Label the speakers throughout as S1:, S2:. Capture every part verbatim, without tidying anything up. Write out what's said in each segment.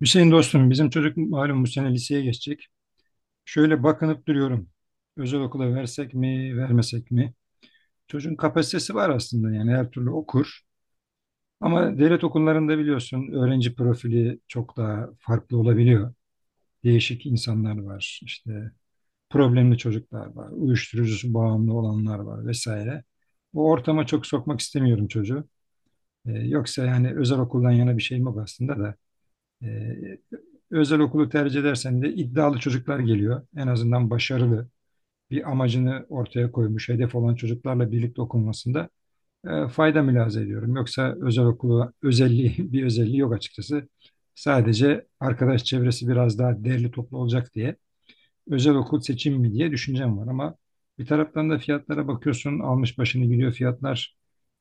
S1: Hüseyin dostum bizim çocuk malum bu sene liseye geçecek. Şöyle bakınıp duruyorum. Özel okula versek mi, vermesek mi? Çocuğun kapasitesi var aslında yani her türlü okur. Ama devlet okullarında biliyorsun öğrenci profili çok daha farklı olabiliyor. Değişik insanlar var, işte problemli çocuklar var, uyuşturucusu bağımlı olanlar var vesaire. O ortama çok sokmak istemiyorum çocuğu. Ee, yoksa yani özel okuldan yana bir şeyim yok aslında da. Ee, Özel okulu tercih edersen de iddialı çocuklar geliyor. En azından başarılı bir amacını ortaya koymuş, hedef olan çocuklarla birlikte okunmasında e, fayda mülahaza ediyorum. Yoksa özel okulu özelliği bir özelliği yok açıkçası. Sadece arkadaş çevresi biraz daha derli toplu olacak diye özel okul seçim mi diye düşüncem var ama bir taraftan da fiyatlara bakıyorsun almış başını gidiyor fiyatlar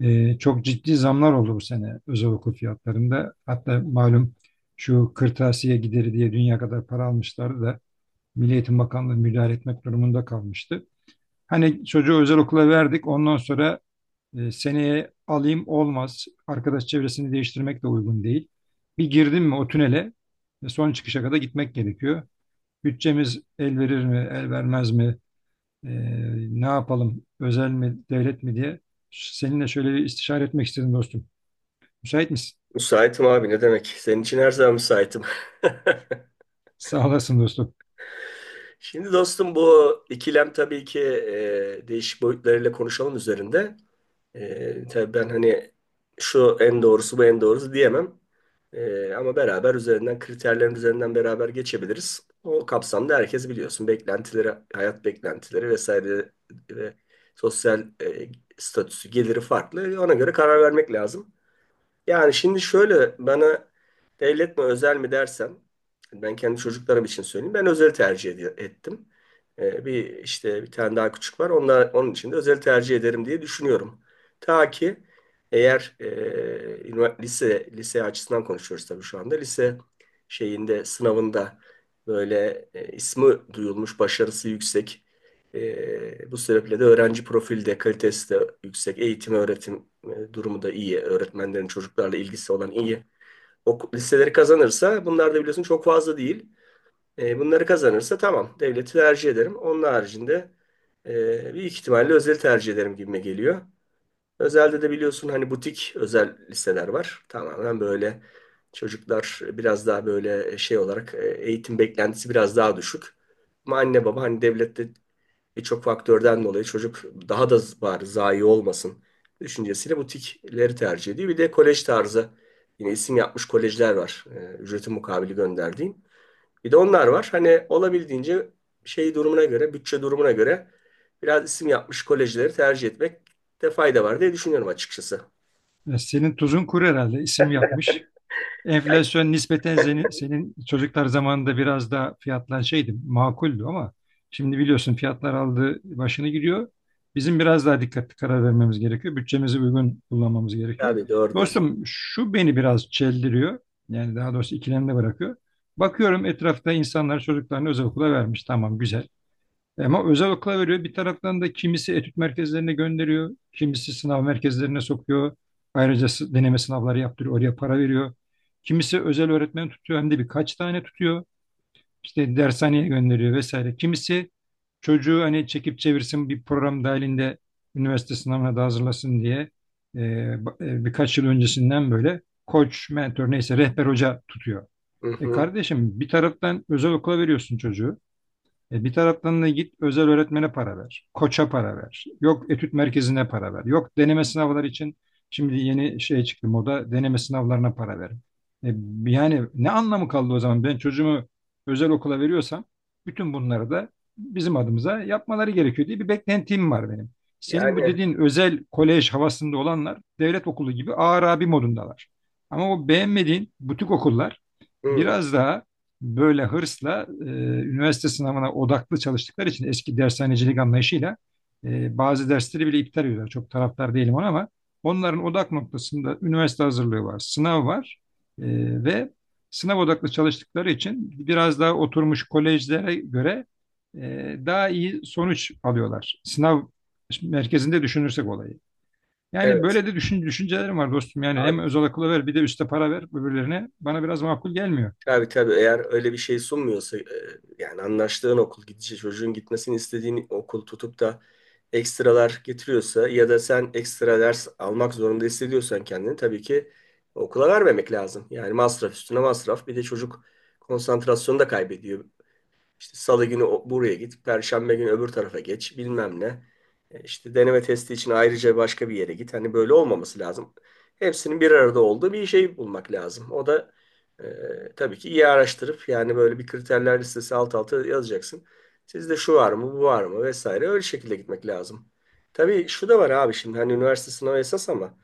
S1: e, çok ciddi zamlar oldu bu sene özel okul fiyatlarında. Hatta malum şu kırtasiye gideri diye dünya kadar para almışlardı da Milli Eğitim Bakanlığı müdahale etmek durumunda kalmıştı. Hani çocuğu özel okula verdik ondan sonra e, seneye alayım olmaz. Arkadaş çevresini değiştirmek de uygun değil. Bir girdim mi o tünele e, son çıkışa kadar gitmek gerekiyor. Bütçemiz el verir mi, el vermez mi? E, Ne yapalım, özel mi, devlet mi diye seninle şöyle bir istişare etmek istedim dostum. Müsait misin?
S2: Müsaitim abi, ne demek? Senin için her zaman müsaitim.
S1: Sağ olasın dostum.
S2: Şimdi dostum bu ikilem tabii ki e, değişik boyutlarıyla konuşalım üzerinde. E, tabii ben hani şu en doğrusu bu en doğrusu diyemem. E, ama beraber üzerinden kriterlerin üzerinden beraber geçebiliriz. O kapsamda herkes biliyorsun beklentileri, hayat beklentileri vesaire ve sosyal e, statüsü, geliri farklı. Ona göre karar vermek lazım. Yani şimdi şöyle bana devlet mi özel mi dersen ben kendi çocuklarım için söyleyeyim. Ben özel tercih ed- ettim. Ee, bir işte bir tane daha küçük var. Onlar, onun için de özel tercih ederim diye düşünüyorum. Ta ki eğer e, ünivers- lise lise açısından konuşuyoruz tabii şu anda. Lise şeyinde sınavında böyle e, ismi duyulmuş, başarısı yüksek e, bu sebeple de öğrenci profili de kalitesi de yüksek. Eğitim, öğretim e, durumu da iyi. Öğretmenlerin çocuklarla ilgisi olan iyi. O listeleri kazanırsa bunlar da biliyorsun çok fazla değil. E, bunları kazanırsa tamam, devleti tercih ederim. Onun haricinde e, büyük ihtimalle özel tercih ederim gibime geliyor. Özelde de biliyorsun hani butik özel liseler var. Tamamen böyle çocuklar biraz daha böyle şey olarak e, eğitim beklentisi biraz daha düşük. Ama anne baba hani devlette birçok faktörden dolayı çocuk daha da z- bari zayi olmasın düşüncesiyle butikleri tercih ediyor. Bir de kolej tarzı yine isim yapmış kolejler var. Ee, ücreti mukabili gönderdiğim. Bir de onlar var. Hani olabildiğince şey durumuna göre, bütçe durumuna göre biraz isim yapmış kolejleri tercih etmekte fayda var diye düşünüyorum açıkçası.
S1: E, Senin tuzun kuru herhalde isim yapmış.
S2: Ya,
S1: Enflasyon nispeten senin, senin çocuklar zamanında biraz daha fiyatlar şeydi, makuldü ama şimdi biliyorsun fiyatlar aldı başını gidiyor. Bizim biraz daha dikkatli karar vermemiz gerekiyor. Bütçemizi uygun kullanmamız gerekiyor.
S2: tabii doğru diyorsun.
S1: Dostum şu beni biraz çeldiriyor. Yani daha doğrusu ikilemde bırakıyor. Bakıyorum etrafta insanlar çocuklarını özel okula vermiş. Tamam güzel. Ama özel okula veriyor. Bir taraftan da kimisi etüt merkezlerine gönderiyor. Kimisi sınav merkezlerine sokuyor. Ayrıca sı- deneme sınavları yaptırıyor. Oraya para veriyor. Kimisi özel öğretmen tutuyor. Hem de birkaç tane tutuyor. İşte dershaneye gönderiyor vesaire. Kimisi çocuğu hani çekip çevirsin bir program dahilinde üniversite sınavına da hazırlasın diye e, ba- e, birkaç yıl öncesinden böyle koç, mentor neyse rehber hoca tutuyor.
S2: Hı
S1: E
S2: hı.
S1: kardeşim bir taraftan özel okula veriyorsun çocuğu. E, bir taraftan da git özel öğretmene para ver, koça para ver, yok etüt merkezine para ver, yok deneme sınavları için şimdi yeni şey çıktı moda deneme sınavlarına para ver. E, Yani ne anlamı kaldı o zaman ben çocuğumu özel okula veriyorsam bütün bunları da bizim adımıza yapmaları gerekiyor diye bir beklentim var benim. Senin bu
S2: Yani
S1: dediğin özel kolej havasında olanlar devlet okulu gibi ağır abi modundalar. Ama o beğenmediğin butik okullar
S2: hı,
S1: biraz daha böyle hırsla e, üniversite sınavına odaklı çalıştıkları için eski dershanecilik anlayışıyla e, bazı dersleri bile iptal ediyorlar. Çok taraftar değilim ona ama onların odak noktasında üniversite hazırlığı var, sınav var. E, Ve sınav odaklı çalıştıkları için biraz daha oturmuş kolejlere göre e, daha iyi sonuç alıyorlar. Sınav merkezinde düşünürsek olayı. Yani
S2: evet.
S1: böyle de düşün, düşüncelerim var dostum. Yani hem
S2: Abi,
S1: özel okula ver bir de üste para ver öbürlerine. Bana biraz makul gelmiyor.
S2: tabii tabii eğer öyle bir şey sunmuyorsa e, yani anlaştığın okul gidişi çocuğun gitmesini istediğin okul tutup da ekstralar getiriyorsa ya da sen ekstra ders almak zorunda hissediyorsan kendini, tabii ki okula vermemek lazım. Yani masraf üstüne masraf, bir de çocuk konsantrasyonu da kaybediyor. İşte salı günü o- buraya git, perşembe günü öbür tarafa geç, bilmem ne. E, İşte deneme testi için ayrıca başka bir yere git. Hani böyle olmaması lazım. Hepsinin bir arada olduğu bir şey bulmak lazım. O da e, tabii ki iyi araştırıp, yani böyle bir kriterler listesi alt alta yazacaksın. Sizde şu var mı, bu var mı vesaire, öyle şekilde gitmek lazım. Tabii şu da var abi, şimdi hani üniversite sınavı esas ama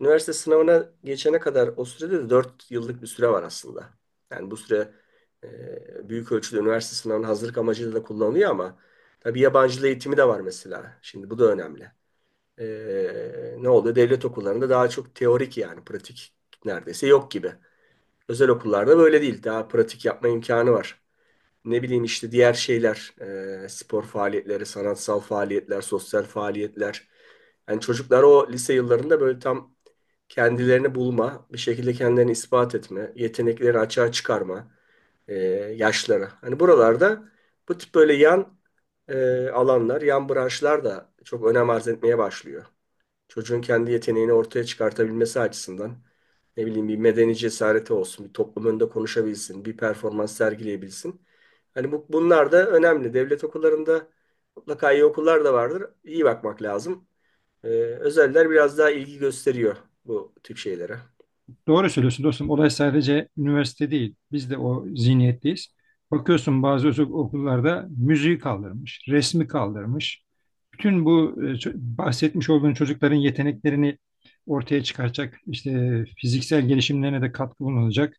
S2: üniversite sınavına geçene kadar o sürede de dört yıllık bir süre var aslında. Yani bu süre e, büyük ölçüde üniversite sınavına hazırlık amacıyla da kullanılıyor ama tabii yabancı dil eğitimi de var mesela. Şimdi bu da önemli. E, ne oluyor? Devlet okullarında daha çok teorik, yani pratik neredeyse yok gibi. Özel okullarda böyle değil. Daha pratik yapma imkanı var. Ne bileyim işte diğer şeyler, e, spor faaliyetleri, sanatsal faaliyetler, sosyal faaliyetler. Yani çocuklar o lise yıllarında böyle tam kendilerini bulma, bir şekilde kendilerini ispat etme, yetenekleri açığa çıkarma, e, yaşlara. Hani buralarda bu tip böyle yan e, alanlar, yan branşlar da çok önem arz etmeye başlıyor. Çocuğun kendi yeteneğini ortaya çıkartabilmesi açısından, ne bileyim, bir medeni cesareti olsun, bir toplum önünde konuşabilsin, bir performans sergileyebilsin. Hani bu, bunlar da önemli. Devlet okullarında mutlaka iyi okullar da vardır. İyi bakmak lazım. Ee, özeller biraz daha ilgi gösteriyor bu tip şeylere.
S1: Doğru söylüyorsun dostum. Olay sadece üniversite değil. Biz de o zihniyetteyiz. Bakıyorsun bazı özel okullarda müziği kaldırmış, resmi kaldırmış. Bütün bu e, ço- bahsetmiş olduğun çocukların yeteneklerini ortaya çıkaracak, işte fiziksel gelişimlerine de katkı bulunacak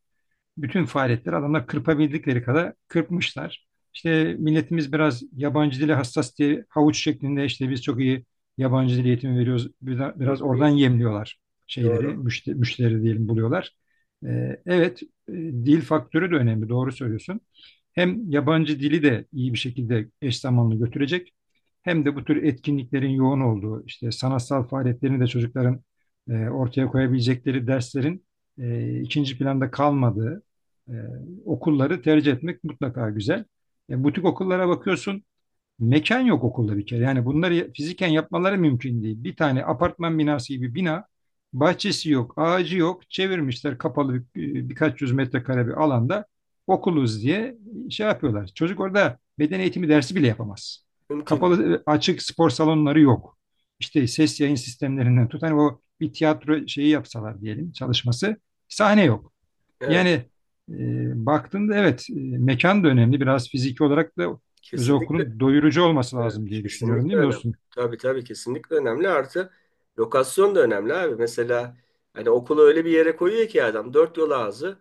S1: bütün faaliyetleri adamlar kırpabildikleri kadar kırpmışlar. İşte milletimiz biraz yabancı dile hassas diye havuç şeklinde işte biz çok iyi yabancı dil eğitimi veriyoruz.
S2: Hı
S1: Biraz, oradan
S2: hı.
S1: yemliyorlar şeyleri,
S2: Doğru.
S1: müşteri, müşteri diyelim buluyorlar. Ee, evet, e, dil faktörü de önemli, doğru söylüyorsun. Hem yabancı dili de iyi bir şekilde eş zamanlı götürecek. Hem de bu tür etkinliklerin yoğun olduğu, işte sanatsal faaliyetlerini de çocukların e, ortaya koyabilecekleri derslerin e, ikinci planda kalmadığı, e, okulları tercih etmek mutlaka güzel. E, butik okullara bakıyorsun, mekan yok okulda bir kere. Yani bunları fiziken yapmaları mümkün değil. Bir tane apartman binası gibi bina, bahçesi yok, ağacı yok. Çevirmişler kapalı bir, e, birkaç yüz metrekare bir alanda okuluz diye şey yapıyorlar. Çocuk orada beden eğitimi dersi bile yapamaz.
S2: Mümkün değil.
S1: Kapalı, e, açık spor salonları yok. İşte ses yayın sistemlerinden tut. Hani o bir tiyatro şeyi yapsalar diyelim çalışması. Sahne yok.
S2: Evet,
S1: Yani e, baktığında evet e, mekan da önemli. Biraz fiziki olarak da özel
S2: kesinlikle.
S1: okulun doyurucu olması
S2: Evet,
S1: lazım diye düşünüyorum
S2: kesinlikle
S1: değil mi
S2: önemli.
S1: dostum?
S2: Tabii tabii, kesinlikle önemli. Artı lokasyon da önemli abi. Mesela hani okulu öyle bir yere koyuyor ki adam, dört yol ağzı,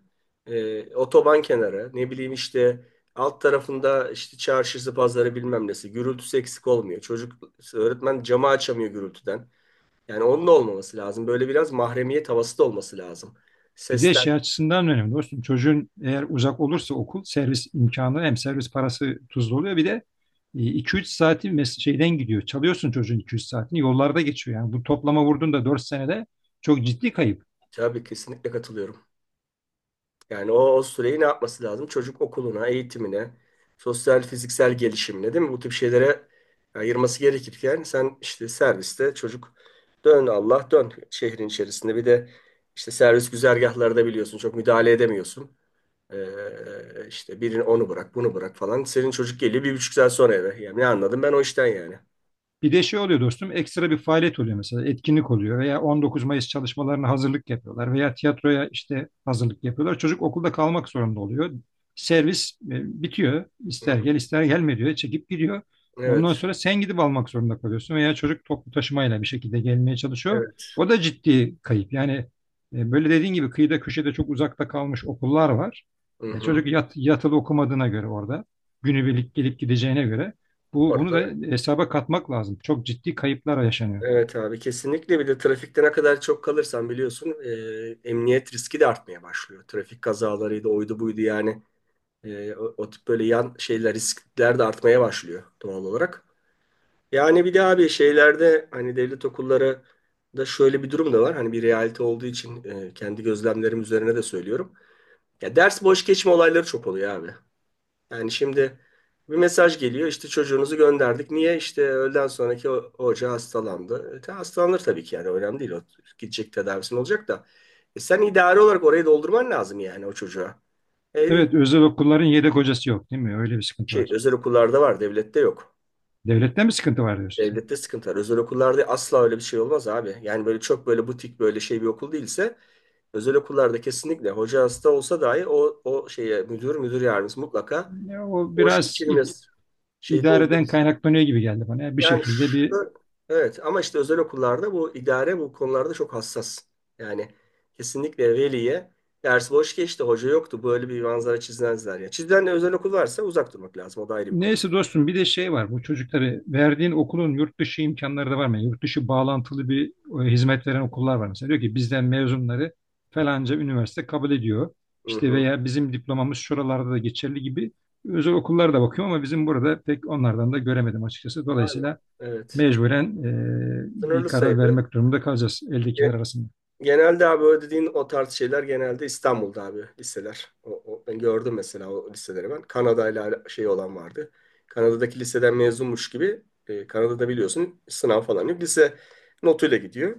S2: e, otoban kenarı, ne bileyim, işte alt tarafında işte çarşısı pazarı bilmem nesi gürültüsü eksik olmuyor. Çocuk, öğretmen camı açamıyor gürültüden. Yani onun da olmaması lazım. Böyle biraz mahremiyet havası da olması lazım.
S1: Bir de şey
S2: Sesten,
S1: açısından önemli dostum. Çocuğun eğer uzak olursa okul servis imkanı hem servis parası tuzlu oluyor bir de e, iki üç saati mes- şeyden gidiyor. Çalıyorsun çocuğun iki üç saatini yollarda geçiyor yani. Bu toplama vurduğunda dört senede çok ciddi kayıp.
S2: tabii kesinlikle katılıyorum. Yani o, o süreyi ne yapması lazım? Çocuk okuluna, eğitimine, sosyal, fiziksel gelişimine, değil mi? Bu tip şeylere ayırması gerekirken sen işte serviste çocuk dön Allah dön şehrin içerisinde. Bir de işte servis güzergahları biliyorsun, çok müdahale edemiyorsun. Ee, işte birini onu bırak bunu bırak falan. Senin çocuk geliyor bir buçuk saat sonra eve. Yani ne anladım ben o işten yani.
S1: Bir de şey oluyor dostum, ekstra bir faaliyet oluyor mesela, etkinlik oluyor veya on dokuz Mayıs çalışmalarına hazırlık yapıyorlar veya tiyatroya işte hazırlık yapıyorlar. Çocuk okulda kalmak zorunda oluyor. Servis e, bitiyor.
S2: Hı
S1: İster
S2: hı.
S1: gel ister gelme diyor. Çekip gidiyor.
S2: Evet,
S1: Ondan sonra sen gidip almak zorunda kalıyorsun veya çocuk toplu taşımayla bir şekilde gelmeye çalışıyor.
S2: evet.
S1: O da ciddi kayıp. Yani e, böyle dediğin gibi kıyıda köşede çok uzakta kalmış okullar var.
S2: Hı
S1: E,
S2: hı.
S1: çocuk yat, yatılı okumadığına göre orada günübirlik gelip gideceğine göre bu, bunu
S2: Orada.
S1: da hesaba katmak lazım. Çok ciddi kayıplar yaşanıyor.
S2: Evet abi, kesinlikle. Bir de trafikte ne kadar çok kalırsan biliyorsun e, emniyet riski de artmaya başlıyor. Trafik kazalarıydı oydu buydu yani. E, o, o tip böyle yan şeyler, riskler de artmaya başlıyor doğal olarak. Yani bir de abi, şeylerde hani devlet okulları da şöyle bir durum da var. Hani bir realite olduğu için e, kendi gözlemlerim üzerine de söylüyorum. Ya, ders boş geçme olayları çok oluyor abi. Yani şimdi bir mesaj geliyor, işte çocuğunuzu gönderdik. Niye? İşte öğleden sonraki o- hoca hastalandı. E, ta- hastalanır tabii ki, yani önemli değil. O gidecek, tedavisi olacak da. E, sen idari olarak orayı doldurman lazım yani o çocuğa. E,
S1: Evet, özel okulların yedek hocası yok, değil mi? Öyle bir sıkıntı
S2: şey
S1: var.
S2: özel okullarda var, devlette yok.
S1: Devlette mi sıkıntı var diyorsun
S2: Devlette sıkıntı var. Özel okullarda asla öyle bir şey olmaz abi. Yani böyle çok böyle butik böyle şey bir okul değilse, özel okullarda kesinlikle hoca hasta olsa dahi o o şeye müdür müdür yardımcısı mutlaka
S1: sen? Ya, o
S2: boş
S1: biraz i-
S2: geçirmez. Şeyi.
S1: idareden kaynaklanıyor gibi geldi bana. Yani bir
S2: Yani
S1: şekilde bir
S2: şu- evet, ama işte özel okullarda bu idare bu konularda çok hassas. Yani kesinlikle veliye ders boş geçti, hoca yoktu, böyle bir manzara çizmezler ya. Çizilen özel okul varsa uzak durmak lazım. O da ayrı bir konu.
S1: neyse dostum bir de şey var bu çocukları verdiğin okulun yurt dışı imkanları da var mı? Yani yurt dışı bağlantılı bir e, hizmet veren okullar var mesela. Diyor ki bizden mezunları falanca üniversite kabul ediyor.
S2: Hı
S1: İşte
S2: hı.
S1: veya bizim diplomamız şuralarda da geçerli gibi özel okullara da bakıyorum ama bizim burada pek onlardan da göremedim açıkçası.
S2: Aynen.
S1: Dolayısıyla
S2: Evet.
S1: mecburen e, bir
S2: Sınırlı
S1: karar
S2: sayıda.
S1: vermek durumunda kalacağız eldekiler arasında.
S2: Genelde abi o dediğin o tarz şeyler genelde İstanbul'da abi liseler. O, o- ben gördüm mesela o liseleri ben. Kanada'yla şey olan vardı. Kanada'daki liseden mezunmuş gibi e, Kanada'da biliyorsun sınav falan yok. Lise notuyla gidiyor.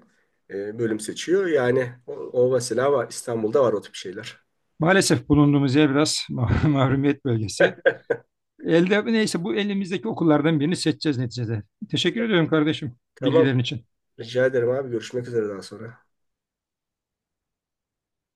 S2: E, bölüm seçiyor. Yani o, o mesela var, İstanbul'da var o tip şeyler.
S1: Maalesef bulunduğumuz yer biraz mahrumiyet bölgesi. Elde neyse bu elimizdeki okullardan birini seçeceğiz neticede. Teşekkür ediyorum kardeşim
S2: Tamam.
S1: bilgilerin için.
S2: Rica ederim abi. Görüşmek üzere daha sonra.